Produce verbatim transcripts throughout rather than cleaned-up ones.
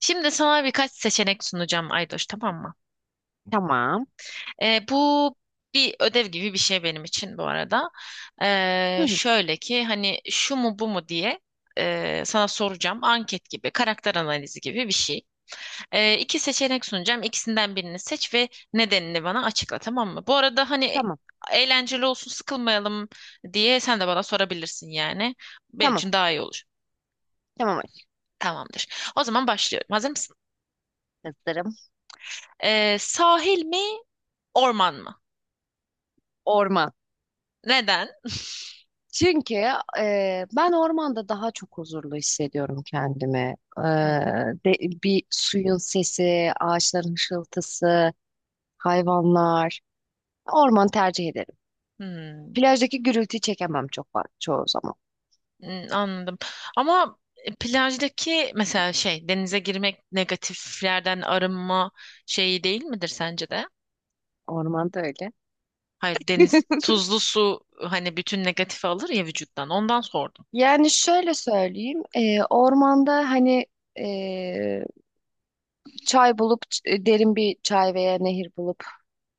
Şimdi sana birkaç seçenek sunacağım Aydoş, tamam mı? Tamam. Ee, bu bir ödev gibi bir şey benim için bu arada. Hı Ee, hı. Şöyle ki hani şu mu bu mu diye e, sana soracağım. Anket gibi, karakter analizi gibi bir şey. Ee, iki seçenek sunacağım. İkisinden birini seç ve nedenini bana açıkla, tamam mı? Bu arada hani Tamam. eğlenceli olsun, sıkılmayalım diye sen de bana sorabilirsin yani. Benim Tamam. için daha iyi olur. Tamam aşkım. Tamamdır. O zaman başlıyorum. Hazır mısın? Hazırım. Ee, sahil mi, orman mı? Orman. Neden? Çünkü e, ben ormanda daha çok huzurlu hissediyorum kendimi. E, Hmm, de, bir suyun sesi, ağaçların hışıltısı, hayvanlar. Orman tercih ederim. hmm. Plajdaki gürültüyü çekemem çok fa- çoğu zaman. Hmm, anladım. Ama e, plajdaki mesela şey denize girmek negatiflerden arınma şeyi değil midir sence de? Ormanda öyle. Hayır, deniz tuzlu su, hani bütün negatifi alır ya vücuttan, ondan sordum. Yani şöyle söyleyeyim, e, ormanda hani e, çay bulup ç- derin bir çay veya nehir bulup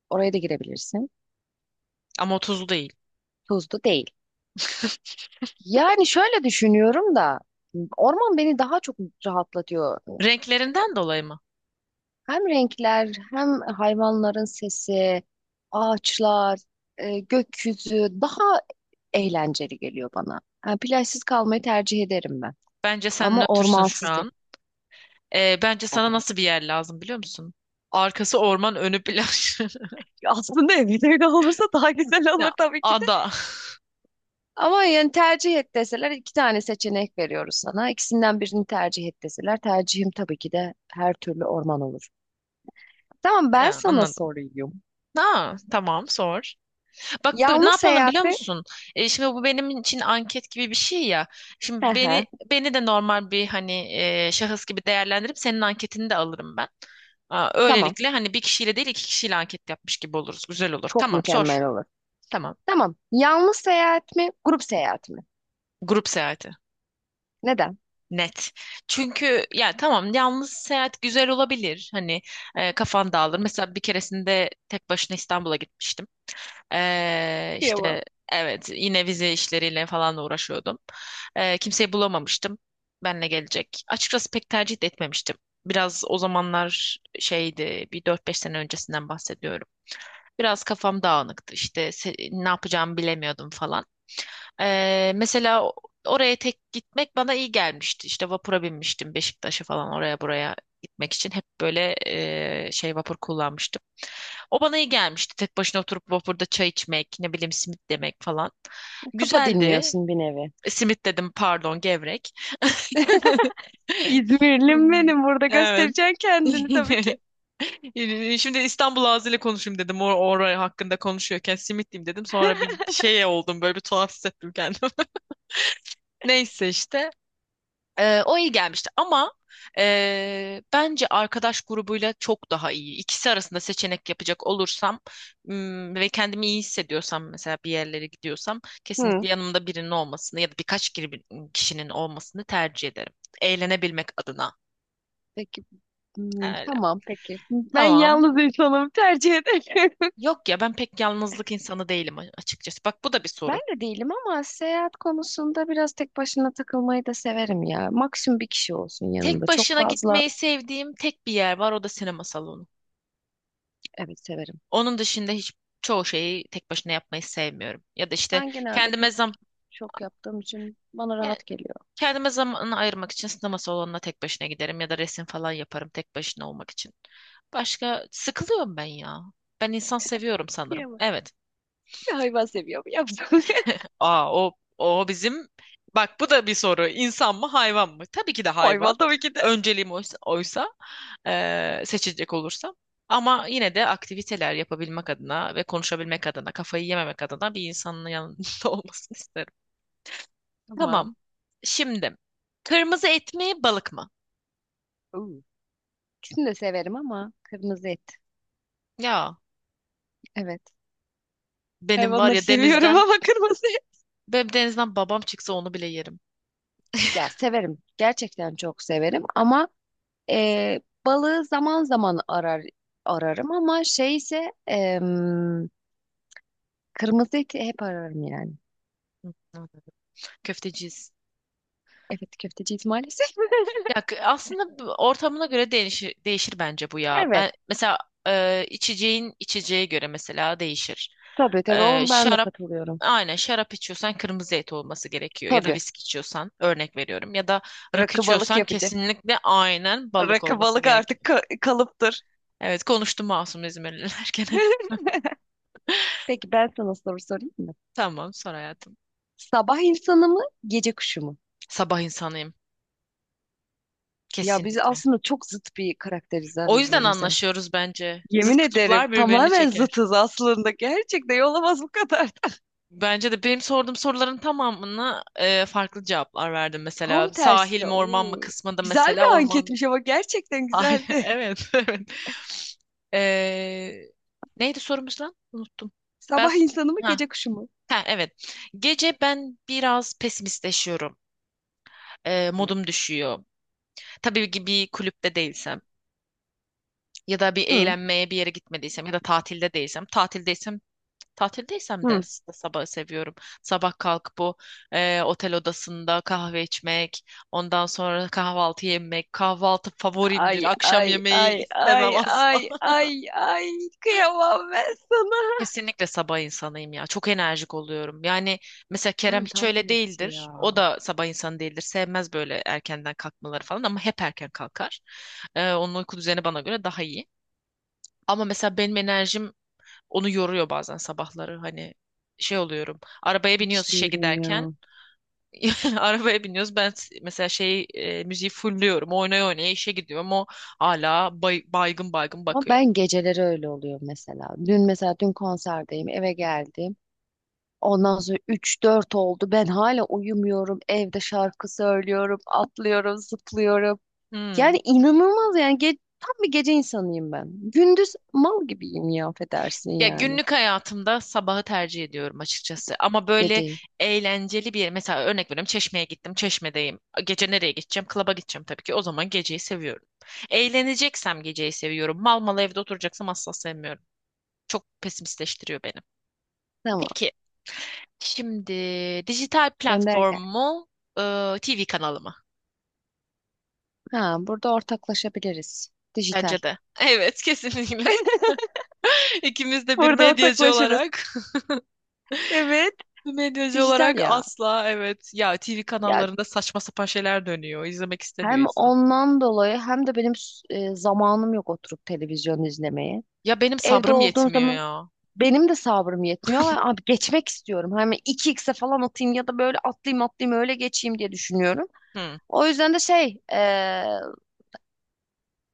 oraya da girebilirsin. Ama o tuzlu değil. Tuzlu değil. Yani şöyle düşünüyorum da orman beni daha çok rahatlatıyor. Renklerinden dolayı mı? Hem renkler, hem hayvanların sesi, ağaçlar, e, gökyüzü daha eğlenceli geliyor bana. Yani plajsız kalmayı tercih ederim ben. Bence sen Ama nötrsün şu ormansız değil. an. Ee, bence sana Ay, nasıl bir yer lazım biliyor musun? Arkası orman önü plaj. aslında evet öyle olursa daha güzel olur Ya tabii ki de. ada. Ama yani tercih et deseler iki tane seçenek veriyoruz sana. İkisinden birini tercih et deseler tercihim tabii ki de her türlü orman olur. Tamam ben Ya, sana anladım. sorayım. Ha, tamam sor. Bak, bu- ne Yalnız yapalım seyahat biliyor mi? musun? E, şimdi bu benim için anket gibi bir şey ya. Hı Şimdi beni hı. beni de normal bir hani e, şahıs gibi değerlendirip senin anketini de alırım ben. Aa, Tamam. öylelikle hani bir kişiyle değil iki kişiyle anket yapmış gibi oluruz. Güzel olur. Çok Tamam sor. mükemmel olur. Tamam. Tamam. Yalnız seyahat mi? Grup seyahat mi? Grup seyahati. Neden? Net. Çünkü ya tamam, yalnız seyahat güzel olabilir. Hani e, kafan dağılır. Mesela bir keresinde tek başına İstanbul'a gitmiştim. Ee, Kıyamam. işte evet, yine vize işleriyle falan da uğraşıyordum. Ee, kimseyi bulamamıştım. Benle gelecek. Açıkçası pek tercih de etmemiştim. Biraz o zamanlar şeydi, bir dört beş sene öncesinden bahsediyorum. Biraz kafam dağınıktı işte, se- ne yapacağımı bilemiyordum falan. Ee, mesela o- oraya tek gitmek bana iyi gelmişti. İşte vapura binmiştim, Beşiktaş'a falan, oraya buraya gitmek için. Hep böyle e, şey vapur kullanmıştım. O bana iyi gelmişti. Tek başına oturup vapurda çay içmek, ne bileyim simit yemek falan. Kafa Güzeldi. dinliyorsun bir nevi. E, Simit dedim, pardon, gevrek. İzmirlim Hmm, benim burada evet. göstereceksin kendini tabii ki. Şimdi İstanbul ağzıyla konuşayım dedim. Or oraya hakkında konuşuyorken simit diyeyim dedim. Sonra bir şeye oldum böyle, bir tuhaf hissettim kendimi. Neyse işte. Ee, o iyi gelmişti ama e, bence arkadaş grubuyla çok daha iyi. İkisi arasında seçenek yapacak olursam, m, ve kendimi iyi hissediyorsam, mesela bir yerlere gidiyorsam, Hı. kesinlikle yanımda birinin olmasını ya da birkaç kiri- kişinin olmasını tercih ederim. Eğlenebilmek adına. Peki. Hmm, Öyle. tamam peki. Ben Tamam. yalnız insanım tercih ederim. Yok ya, ben pek yalnızlık insanı değilim a- açıkçası. Bak, bu da bir Ben soru. de değilim ama seyahat konusunda biraz tek başına takılmayı da severim ya. Maksimum bir kişi olsun Tek yanımda. Çok başına fazla, gitmeyi sevdiğim tek bir yer var, o da sinema salonu. evet, severim. Onun dışında hiç çoğu şeyi tek başına yapmayı sevmiyorum. Ya da işte Ben genelde kendime tek zam çok yaptığım için bana yani rahat geliyor. kendime zamanını ayırmak için sinema salonuna tek başına giderim, ya da resim falan yaparım tek başına olmak için. Başka sıkılıyorum ben ya. Ben insan seviyorum sanırım. Yiyemem. Evet. Bir hayvan seviyorum. Yaptım. Aa, o o bizim, bak, bu da bir soru. İnsan mı hayvan mı? Tabii ki de hayvan. Hayvan tabii ki de. Önceliğim oysa, oysa, eee, seçecek olursam. Ama yine de aktiviteler yapabilmek adına ve konuşabilmek adına, kafayı yememek adına bir insanın yanında olmasını isterim. Tamam. Tamam. Şimdi kırmızı et mi balık mı? Oo. İkisini de severim ama kırmızı et. Ya, Evet. benim var Hayvanları ya seviyorum denizden ama kırmızı et. benim denizden babam çıksa onu bile yerim. Ya severim. Gerçekten çok severim ama e, balığı zaman zaman arar ararım ama şey ise em, kırmızı eti hep ararım yani. Köfteciyiz. Evet köfteciyiz maalesef. Ya, k- aslında bu ortamına göre değişir, değişir bence bu ya. Evet. Ben mesela e, içeceğin, içeceğe göre mesela değişir. Tabii tabii E, onu ben de Şarap, katılıyorum. aynen şarap içiyorsan kırmızı et olması gerekiyor ya da Tabii. viski içiyorsan, örnek veriyorum, ya da rakı Rakı balık içiyorsan yapacak. kesinlikle aynen balık Rakı olması balık artık gerekiyor. ka- kalıptır. Evet, konuştum masum İzmirliler gene. Peki ben sana soru sorayım mı? Tamam, sor hayatım. Sabah insanı mı, gece kuşu mu? Sabah insanıyım, Ya biz kesinlikle. aslında çok zıt bir karakteriz ha O yüzden birbirimize. anlaşıyoruz bence. Zıt Yemin ederim kutuplar birbirini tamamen çeker. zıtız aslında. Gerçekten olamaz bu kadar da. Bence de benim sorduğum soruların tamamını e, farklı cevaplar verdim. Tam Mesela sahil tersi. mi orman mı Oo. kısmında, Güzel mesela bir orman. anketmiş ama gerçekten Ay, güzeldi. evet, evet. E, Neydi sorumuz lan? Unuttum. Ben Sabah insanı mı, ha, gece kuşu mu? ha evet. Gece ben biraz pesimistleşiyorum. E, modum düşüyor. Tabii ki bir kulüpte değilsem, ya da bir Hı. eğlenmeye bir yere gitmediysem, ya da tatilde değilsem. Tatildeysem, Tatildeysem de Hı. s- sabahı seviyorum. Sabah kalkıp bu e, otel odasında kahve içmek, ondan sonra kahvaltı yemek. Kahvaltı Ay favorimdir. Akşam ay yemeği ay ay istemem ay asla. ay ay kıyamam ben sana. Kesinlikle sabah insanıyım ya. Çok enerjik oluyorum. Yani mesela Kerem Ben hiç tam öyle tersi değildir. O ya. da sabah insanı değildir. Sevmez böyle erkenden kalkmaları falan ama hep erken kalkar. E, onun uyku düzeni bana göre daha iyi. Ama mesela benim enerjim onu yoruyor bazen sabahları. Hani şey oluyorum. Arabaya Hiç biniyoruz işe değilim giderken. ya. Arabaya biniyoruz. Ben s- mesela şey e, müziği fullüyorum. Oynaya oynaya işe gidiyorum. O hala bay- baygın baygın Ama bakıyor. ben geceleri öyle oluyor mesela. Dün mesela dün konserdeyim eve geldim. Ondan sonra üç dört oldu. Ben hala uyumuyorum. Evde şarkı söylüyorum, atlıyorum, zıplıyorum. Hmm. Yani inanılmaz yani ge- tam bir gece insanıyım ben. Gündüz mal gibiyim ya affedersin Ya, yani. günlük hayatımda sabahı tercih ediyorum açıkçası. Ama böyle Geceyi. eğlenceli bir yer. Mesela örnek veriyorum, Çeşme'ye gittim. Çeşme'deyim. Gece nereye gideceğim? Klaba gideceğim tabii ki. O zaman geceyi seviyorum. Eğleneceksem geceyi seviyorum. Mal mal evde oturacaksam asla sevmiyorum. Çok pesimistleştiriyor beni. Tamam. Peki, şimdi dijital Gönder platform gel. mu, e, T V kanalı mı? Ha burada ortaklaşabiliriz. Dijital. Bence de. Evet, kesinlikle. İkimiz de bir Burada medyacı ortaklaşırız. olarak, Evet. bir medyacı Dijital olarak ya. asla evet. Ya T V Ya kanallarında saçma sapan şeyler dönüyor. İzlemek istemiyor hem insan. ondan dolayı hem de benim s- e, zamanım yok oturup televizyon izlemeye. Ya benim Evde sabrım olduğum yetmiyor zaman ya. benim de sabrım yetmiyor. Ay, abi geçmek istiyorum. Hani iki xe falan atayım ya da böyle atlayayım atlayayım öyle geçeyim diye düşünüyorum. Hı. O yüzden de şey e,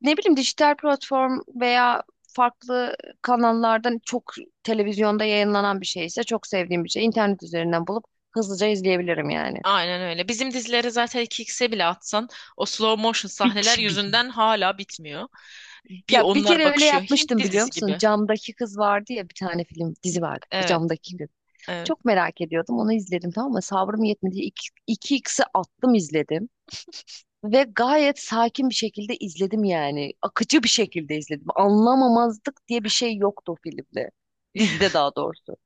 ne bileyim dijital platform veya farklı kanallardan çok televizyonda yayınlanan bir şeyse çok sevdiğim bir şey, internet üzerinden bulup hızlıca izleyebilirim yani. Aynen öyle. Bizim dizileri zaten 2x'e bile atsan o slow motion Big sahneler bir. yüzünden hala bitmiyor. Bir Ya bir onlar kere öyle bakışıyor. Hint yapmıştım biliyor dizisi musun? gibi. Camdaki kız vardı ya bir tane film dizi vardı. Evet, Camdaki kız. evet. Çok merak ediyordum. Onu izledim tamam mı? Sabrım yetmedi. İki, iki x'i attım izledim. Ve gayet sakin bir şekilde izledim yani. Akıcı bir şekilde izledim. Anlamamazlık diye bir şey yoktu o filmde. Dizide daha doğrusu.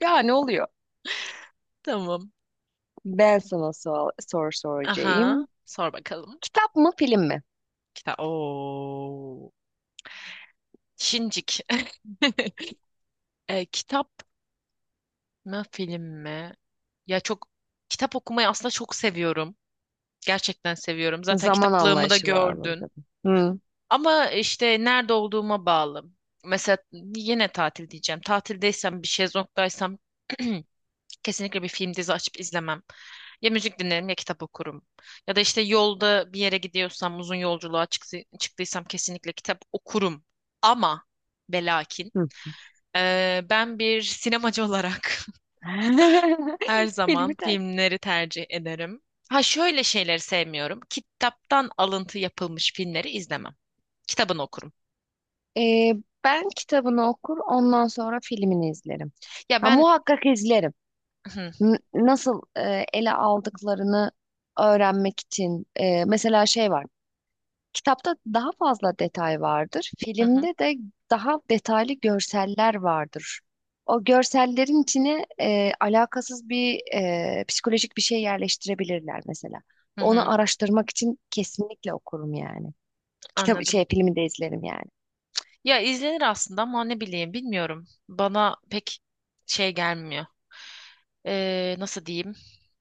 Yani oluyor. Tamam. Ben sana sor, soru Aha. soracağım. Sor bakalım. Kitap mı film mi? Kitap. Oo. Şincik. E, kitap mi film mi? Ya, çok kitap okumayı aslında çok seviyorum. Gerçekten seviyorum. Zaten Zaman kitaplığımı da anlayışı var gördün. burada. Hı. Ama işte nerede olduğuma bağlı. Mesela yine tatil diyeceğim. Tatildeysem, bir şezlongdaysam kesinlikle bir film dizi açıp izlemem. Ya müzik dinlerim ya kitap okurum. Ya da işte yolda bir yere gidiyorsam, uzun yolculuğa çıktı- çıktıysam kesinlikle kitap okurum. Ama ve lakin Hı. eee, ben bir sinemacı olarak her zaman Filmi tercih. filmleri tercih ederim. Ha, şöyle şeyleri sevmiyorum. Kitaptan alıntı yapılmış filmleri izlemem. Kitabını okurum. Ee, ben kitabını okur, ondan sonra filmini izlerim. Ya Ha, ben, muhakkak izlerim. hı N- nasıl e, ele aldıklarını öğrenmek için. E, mesela şey var. Kitapta daha fazla detay vardır. hı, hı Filmde de daha detaylı görseller vardır. O görsellerin içine e, alakasız bir e, psikolojik bir şey yerleştirebilirler mesela. hı, Onu hı. araştırmak için kesinlikle okurum yani. Kitap Anladım. şey filmi de izlerim yani. Ya izlenir aslında ama ne bileyim, bilmiyorum. Bana pek şey gelmiyor. Ee, nasıl diyeyim?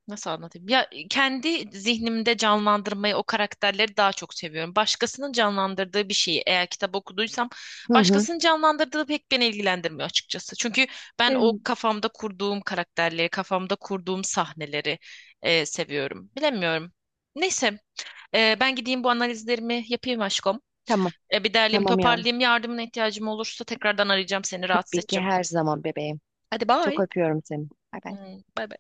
Nasıl anlatayım? Ya kendi zihnimde canlandırmayı, o karakterleri daha çok seviyorum. Başkasının canlandırdığı bir şeyi eğer kitap okuduysam, Hı hı. başkasının canlandırdığı pek beni ilgilendirmiyor açıkçası. Çünkü ben o Evet. kafamda kurduğum karakterleri, kafamda kurduğum sahneleri e, seviyorum. Bilemiyorum. Neyse, e, ben gideyim bu analizlerimi yapayım aşkım. Tamam. E, bir derleyeyim, Tamam yavrum. toparlayayım. Yardımına ihtiyacım olursa tekrardan arayacağım seni, rahatsız Tabii ki edeceğim. her zaman bebeğim. Hadi Çok bye. öpüyorum seni. Bay bay. Hmm, bye bye.